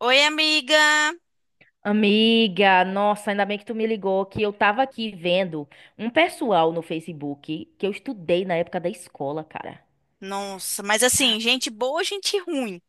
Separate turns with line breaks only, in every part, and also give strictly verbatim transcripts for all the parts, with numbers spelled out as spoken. Oi, amiga.
Amiga, nossa, ainda bem que tu me ligou, que eu tava aqui vendo um pessoal no Facebook que eu estudei na época da escola, cara.
Nossa, mas assim, gente boa, gente ruim.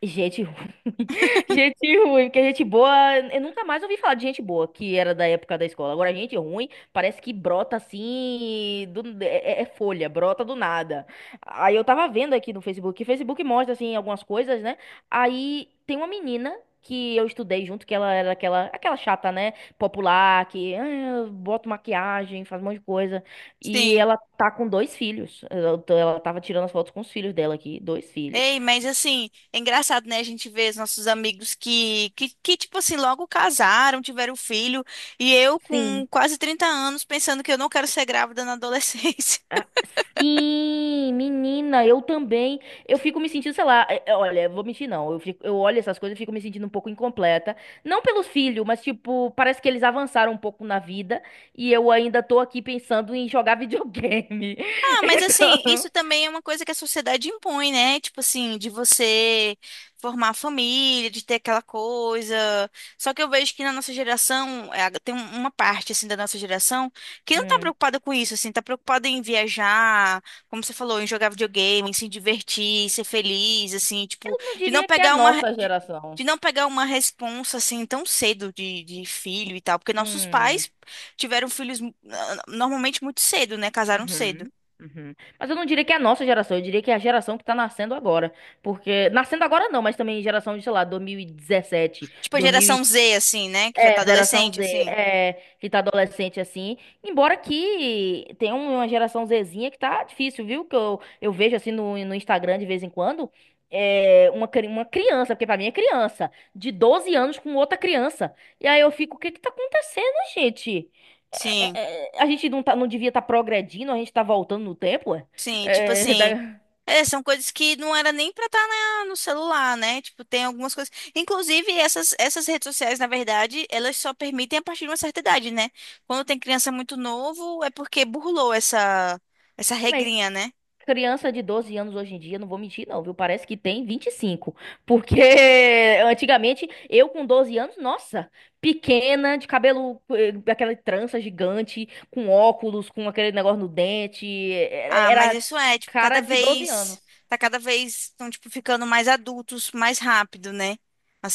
Gente ruim. Gente ruim, porque gente boa. Eu nunca mais ouvi falar de gente boa, que era da época da escola. Agora, gente ruim parece que brota assim. do- é, é- é folha, brota do nada. Aí eu tava vendo aqui no Facebook, que o Facebook mostra assim algumas coisas, né? Aí tem uma menina que eu estudei junto, que ela era aquela, aquela chata, né? Popular, que ah, bota maquiagem, faz um monte de coisa. E
Sim.
ela tá com dois filhos. Ela, ela tava tirando as fotos com os filhos dela aqui, dois filhos.
Ei, mas assim, é engraçado, né? A gente vê os nossos amigos que, que, que, tipo assim, logo casaram, tiveram filho, e eu com
Sim.
quase trinta anos pensando que eu não quero ser grávida na adolescência.
Ah, sim, menina, eu também. Eu fico me sentindo, sei lá, é- é, olha, vou mentir não. Eu fico- eu olho essas coisas e fico me sentindo um pouco incompleta. Não pelo filho, mas tipo, parece que eles avançaram um pouco na vida e eu ainda tô aqui pensando em jogar videogame.
Ah, mas assim,
Então,
isso também é uma coisa que a sociedade impõe, né? Tipo assim, de você formar família, de ter aquela coisa. Só que eu vejo que na nossa geração, é, tem um- uma parte assim da nossa geração que não tá
hum,
preocupada com isso, assim, tá preocupada em viajar, como você falou, em jogar videogame, em se divertir, ser feliz, assim,
eu
tipo,
não
de não
diria que é a
pegar uma
nossa
de,
geração.
de não pegar uma responsa assim tão cedo de, de filho e tal, porque nossos
Hum,
pais tiveram filhos ah, normalmente muito cedo, né? Casaram cedo.
uhum, uhum. Mas eu não diria que é a nossa geração, eu diria que é a geração que tá nascendo agora. Porque, nascendo agora não, mas também geração de, sei lá, dois mil e dezessete.
Tipo a geração zê, assim, né? Que já tá
É, geração
adolescente,
Z,
assim.
é, que tá adolescente assim. Embora que tem um, uma geração Zzinha que tá difícil, viu? Que eu, eu vejo assim no, no Instagram de vez em quando. É, uma, cri- uma criança, porque pra mim é criança, de doze anos com outra criança. E aí eu fico, o que que tá acontecendo, gente? É,
Sim,
é, é, a gente não, tá, não devia estar progredindo, a gente tá voltando no tempo, é?
sim. Tipo
É,
assim.
da-
é, são coisas que não era nem pra estar no celular, né? Tipo, tem algumas coisas. Inclusive, essas, essas redes sociais, na verdade, elas só permitem a partir de uma certa idade, né? Quando tem criança muito novo, é porque burlou essa, essa
mas
regrinha, né?
criança de doze anos hoje em dia, não vou mentir não, viu? Parece que tem vinte e cinco. Porque antigamente, eu com doze anos, nossa, pequena, de cabelo, eh, aquela trança gigante, com óculos, com aquele negócio no dente, eh, eh,
Ah, mas
era
isso é, tipo,
cara
cada
de doze anos.
vez, tá cada vez, estão, tipo, ficando mais adultos, mais rápido, né?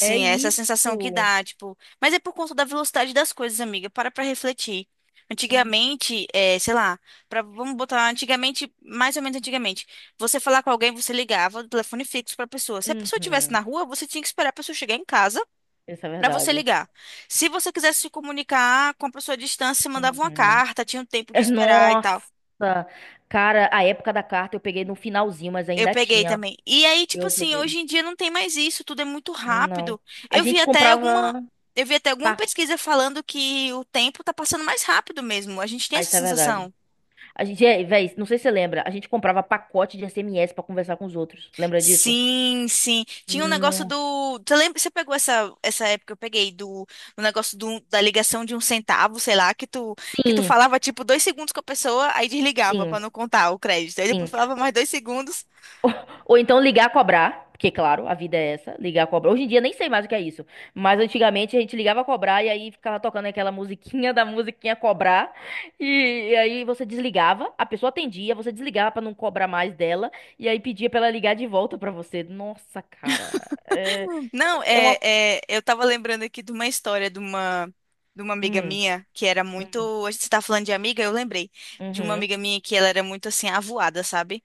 É
é essa sensação que
isso.
dá, tipo, mas é por conta da velocidade das coisas, amiga, para pra refletir. Antigamente, é, sei lá, pra, vamos botar antigamente, mais ou menos antigamente, você falar com alguém, você ligava do telefone fixo pra pessoa. Se a pessoa estivesse
Uhum,
na rua, você tinha que esperar a pessoa chegar em casa
isso é
pra você
verdade.
ligar. Se você quisesse se comunicar com a pessoa à distância, você mandava uma
Uhum.
carta, tinha um tempo de
É,
esperar e tal.
nossa, cara, a época da carta eu peguei no finalzinho, mas
Eu
ainda
peguei
tinha.
também. E aí, tipo
Eu
assim,
peguei.
hoje em dia não tem mais isso, tudo é muito
Não.
rápido.
A
Eu vi
gente
até alguma,
comprava.
eu vi até alguma
pa-
pesquisa falando que o tempo tá passando mais rápido mesmo. A gente tem
Ah,
essa
isso é verdade.
sensação.
A gente, é, véi, não sei se você lembra, a gente comprava pacote de S M S pra conversar com os outros. Lembra disso?
Sim, sim. Tinha um negócio
Não.
do, você lembra, você pegou essa essa época que eu peguei do, do negócio do, da ligação de um centavo, sei lá, que tu que tu
Sim,
falava tipo dois segundos com a pessoa, aí desligava
sim,
pra não contar o crédito. Aí
sim.
depois falava mais dois segundos.
Ou então ligar a cobrar, porque, claro, a vida é essa, ligar a cobrar. Hoje em dia nem sei mais o que é isso, mas antigamente a gente ligava a cobrar e aí ficava tocando aquela musiquinha da musiquinha cobrar, e, e aí você desligava, a pessoa atendia, você desligava pra não cobrar mais dela, e aí pedia pra ela ligar de volta pra você. Nossa, cara, é,
Não,
é
é,
uma...
é, eu tava lembrando aqui de uma história de uma, de uma amiga
Hum,
minha que era
hum,
muito. A gente tá falando de amiga, eu lembrei de uma
uhum.
amiga minha que ela era muito assim, avoada, sabe?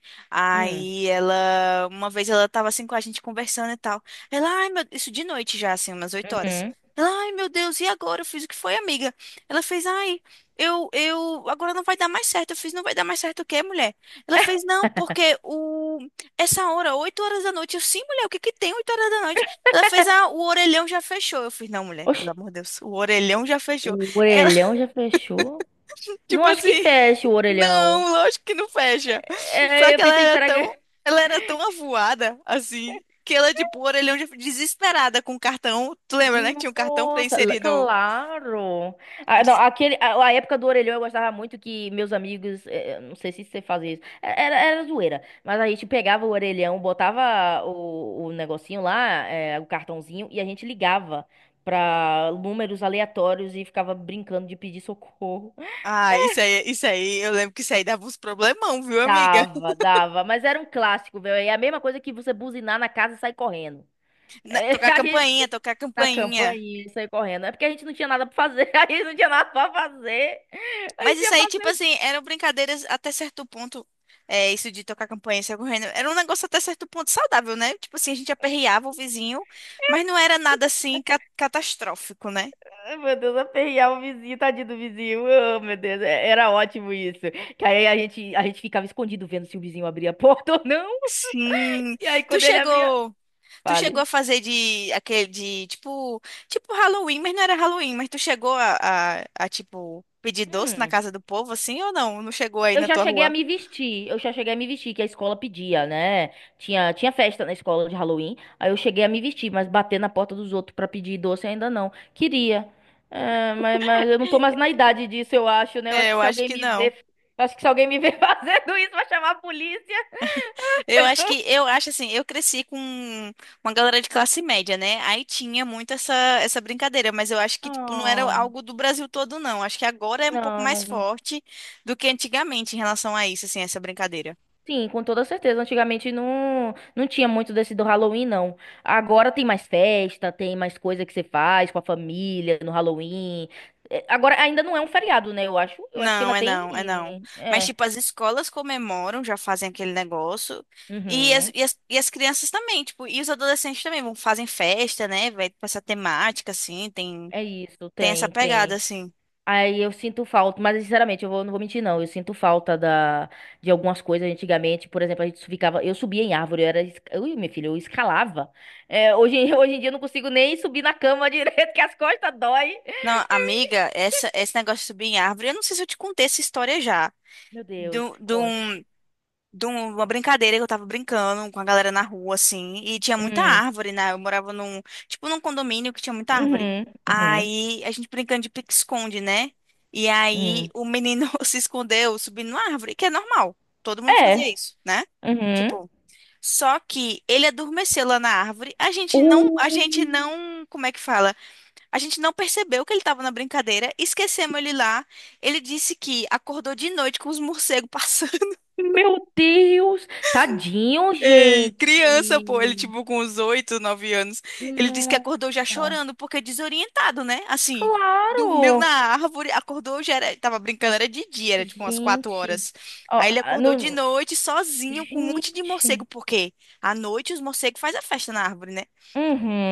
Hum,
Aí ela, uma vez ela tava assim com a gente conversando e tal. Ela, ai meu, isso de noite já, assim, umas oito horas.
uhum.
Ela, ai meu Deus, e agora? Eu fiz o que foi, amiga? Ela fez, ai, eu, eu, agora não vai dar mais certo. Eu fiz, não vai dar mais certo o quê, mulher? Ela fez, não, porque o, essa hora, oito horas da noite. Eu, sim, mulher, o que que tem oito horas da noite? Ela fez a, o orelhão já fechou. Eu fiz, não, mulher,
Oxi,
pelo amor de Deus, o orelhão já fechou.
o
Ela,
orelhão já fechou? Não
tipo
acho que
assim,
feche o orelhão.
não, lógico que não fecha. Só
É, eu
que ela
pensei,
era
será
tão,
que.
ela era tão avoada, assim, que ela, tipo, o orelhão já desesperada com o cartão. Tu lembra, né, que tinha um cartão pra
Nossa, l-
inserir no.
claro! Ah, não,
de-
aquele, a, a época do orelhão eu gostava muito que meus amigos. Eh, eh, não sei se você fazia isso. É- Era, era zoeira. Mas a gente pegava o orelhão, botava o, o negocinho lá, eh, o cartãozinho, e a gente ligava pra números aleatórios e ficava brincando de pedir socorro.
Ah, isso aí, isso aí, eu lembro que isso aí dava uns problemão, viu, amiga?
Dava, dava, mas era um clássico, velho. É a mesma coisa que você buzinar na casa e sair correndo.
Na-
É,
tocar
a gente
campainha, tocar
na
campainha.
campainha e sair correndo. É porque a gente não tinha nada pra fazer. A gente não tinha nada pra fazer. A
Mas
gente
isso
ia
aí, tipo
fazer.
assim, eram brincadeiras até certo ponto. É, isso de tocar campanha e sair correndo. Era um negócio até certo ponto saudável, né? Tipo assim, a gente aperreava o vizinho, mas não era nada assim ca- catastrófico, né?
Ai, meu Deus, aperrear o vizinho, tadinho do vizinho. Oh, meu Deus, é- era ótimo isso. Que aí a gente, a gente ficava escondido vendo se o vizinho abria a porta ou não.
Sim.
E aí
Tu
quando ele abria.
chegou, tu chegou
Fale.
a fazer de aquele de tipo, tipo Halloween, mas não era Halloween, mas tu chegou a, a, a tipo pedir doce na
Hum.
casa do povo assim ou não? Não chegou aí
Eu
na
já
tua
cheguei a
rua?
me vestir, eu já cheguei a me vestir, que a escola pedia, né? Tinha, tinha festa na escola de Halloween, aí eu cheguei a me vestir, mas bater na porta dos outros pra pedir doce ainda não. Queria. É, mas, mas eu não tô mais na idade disso, eu acho, né? Eu
É,
acho que
eu
se
acho
alguém
que
me
não.
ver, eu acho que se alguém me ver fazendo isso, vai chamar a polícia.
Eu acho
Então.
que eu acho assim, eu cresci com uma galera de classe média, né? Aí tinha muito essa essa brincadeira, mas eu acho que tipo não era
Oh.
algo do Brasil todo não. Acho que agora é um pouco mais
Não.
forte do que antigamente em relação a isso, assim, essa brincadeira.
Sim, com toda certeza. Antigamente não, não tinha muito desse do Halloween, não. Agora tem mais festa, tem mais coisa que você faz com a família no Halloween. É, agora ainda não é um feriado, né? Eu acho. Eu acho que
Não,
ainda
é
tem.
não, é não. Mas
É.
tipo as escolas comemoram, já fazem aquele negócio e as,
Uhum.
e as, e as crianças também, tipo, e os adolescentes também vão fazem festa, né? Vai pra essa temática assim, tem
É isso,
tem essa
tem,
pegada
tem.
assim.
Aí eu sinto falta, mas sinceramente, eu vou- não vou mentir, não. Eu sinto falta da, de algumas coisas antigamente. Por exemplo, a gente ficava. Eu subia em árvore, eu era. es- Ui, meu filho, eu escalava. É, hoje, em- hoje em dia eu não consigo nem subir na cama direito, que as costas dói.
Não, amiga, essa, esse negócio de subir em árvore, eu não sei se eu te contei essa história já.
Meu
De,
Deus,
um- de,
conte.
um- de um, uma brincadeira que eu tava brincando com a galera na rua, assim, e tinha muita
Hum,
árvore, né? Eu morava num, tipo, num condomínio que tinha muita árvore.
uhum, uhum,
Aí a gente brincando de pique-esconde, né? E aí
uhum.
o menino se escondeu subindo na árvore, que é normal. Todo mundo fazia
É.
isso, né?
Uhum.
Tipo, só que ele adormeceu lá na árvore. A gente não,
Uh,
a gente não, como é que fala? A gente não percebeu que ele estava na brincadeira, esquecemos ele lá. Ele disse que acordou de noite com os morcegos passando.
meu Deus. Tadinho,
Ei, criança, pô, ele
gente.
tipo com uns oito, nove anos. Ele disse que acordou já
Nossa.
chorando, porque é desorientado, né? Assim, dormiu na
Claro.
árvore, acordou, já era, tava brincando, era de dia, era tipo umas quatro
Gente.
horas.
Ó,
Aí ele
ah,
acordou de
no...
noite, sozinho, com um monte de morcego,
Gente.
porque à noite os morcegos fazem a festa na árvore, né?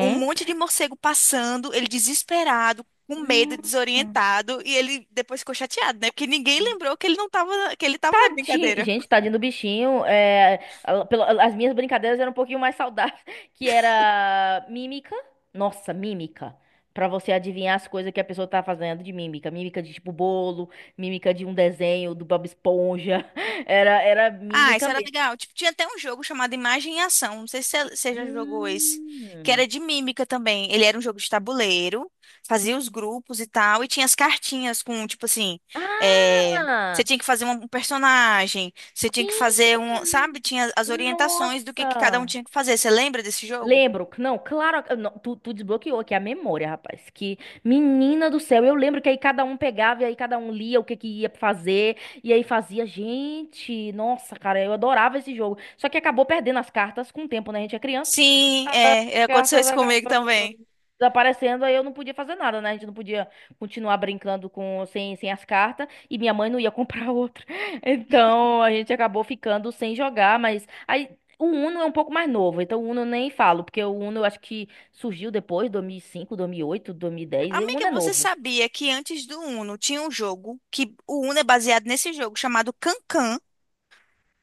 Um monte de morcego passando, ele desesperado, com medo,
Nossa.
desorientado, e ele depois ficou chateado, né? Porque ninguém lembrou que ele não tava, na- que ele tava na
Ti-
brincadeira.
Gente, tadinho do bichinho. É, a- pelo- as minhas brincadeiras eram um pouquinho mais saudáveis, que era mímica. Nossa, mímica. Pra você adivinhar as coisas que a pessoa tá fazendo de mímica. Mímica de tipo bolo, mímica de um desenho do Bob Esponja. Era, era
Ah, isso
mímica
era
mesmo.
legal. Tipo, tinha até um jogo chamado Imagem e Ação. Não sei se você você já jogou esse, que
Hum.
era de mímica também. Ele era um jogo de tabuleiro, fazia os grupos e tal, e tinha as cartinhas com, tipo assim, é, você
Ah!
tinha que fazer um um personagem, você tinha que fazer
Sim!
um, sabe? Tinha as orientações do que que cada um
Nossa!
tinha que fazer. Você lembra desse jogo?
Lembro, que não, claro, eu não, tu, tu desbloqueou aqui a memória, rapaz. Que menina do céu, eu lembro que aí cada um pegava e aí cada um lia o que que ia fazer e aí fazia, gente, nossa, cara, eu adorava esse jogo. Só que acabou perdendo as cartas com o tempo, né? A gente é criança,
Sim,
as
é, é, aconteceu
cartas
isso comigo
acabam
também.
desaparecendo, aí eu não podia fazer nada, né? A gente não podia continuar brincando com sem, sem as cartas e minha mãe não ia comprar outra. Então a gente acabou ficando sem jogar, mas aí o Uno é um pouco mais novo, então o Uno eu nem falo, porque o Uno eu acho que surgiu depois, dois dois dois mil, mil e, e cinco, oito, dois mil e dez. O
Amiga,
Uno é
você
novo.
sabia que antes do Uno tinha um jogo que o Uno é baseado nesse jogo chamado Cancan?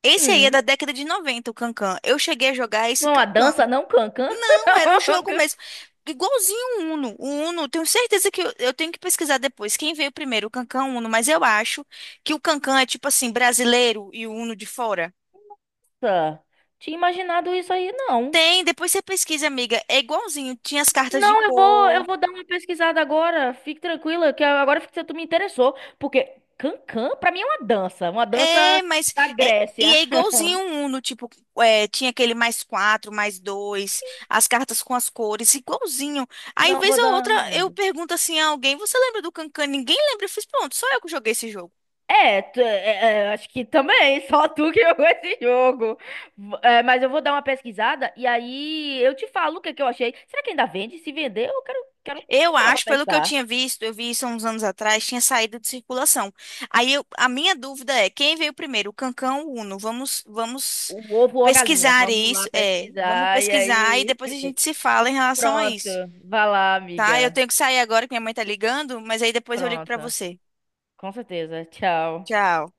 Esse aí é
Hum,
da década de noventa o Cancan. Eu cheguei a jogar esse
não é uma
Cancan,
dança, não, Cancan?
era o jogo mesmo. Igualzinho o Uno. O Uno, tenho certeza que eu, eu tenho que pesquisar depois quem veio primeiro, o Cancan ou o Uno, mas eu acho que o Cancan é tipo assim, brasileiro e o Uno de fora.
Tinha imaginado isso aí, não.
Tem, depois você pesquisa, amiga. É igualzinho, tinha as cartas de
Não, eu vou, eu
cor.
vou dar uma pesquisada agora. Fique tranquila, que agora que tu me interessou, porque cancan pra mim é uma dança, uma
É,
dança
mas
da
é, e
Grécia.
é igualzinho um Uno, tipo, é, tinha aquele mais quatro, mais dois, as cartas com as cores, igualzinho. Aí,
Não
vez
vou
ou
dar
outra,
uma
eu
olhada.
pergunto assim a alguém, você lembra do Cancan? Ninguém lembra. Eu fiz, pronto, só eu que joguei esse jogo.
É, tu- é, é, é, acho que também, só tu que jogou esse jogo. V- é, mas eu vou dar uma pesquisada e aí eu te falo o que é que eu achei. Será que ainda vende? Se vender, eu quero, quero
Eu
comprar pra
acho, pelo que eu
testar.
tinha visto, eu vi isso há uns anos atrás, tinha saído de circulação. Aí, eu- a minha dúvida é, quem veio primeiro, o Cancan ou o Uno? Vamos, vamos
O ovo ou a galinha?
pesquisar
Vamos lá
isso, é, vamos
pesquisar e
pesquisar e
aí.
depois a gente se fala em relação a
Pronto,
isso.
vai lá,
Tá, eu
amiga.
tenho que sair agora que minha mãe tá ligando, mas aí depois eu ligo pra
Pronto.
você.
Com certeza. Tchau.
Tchau.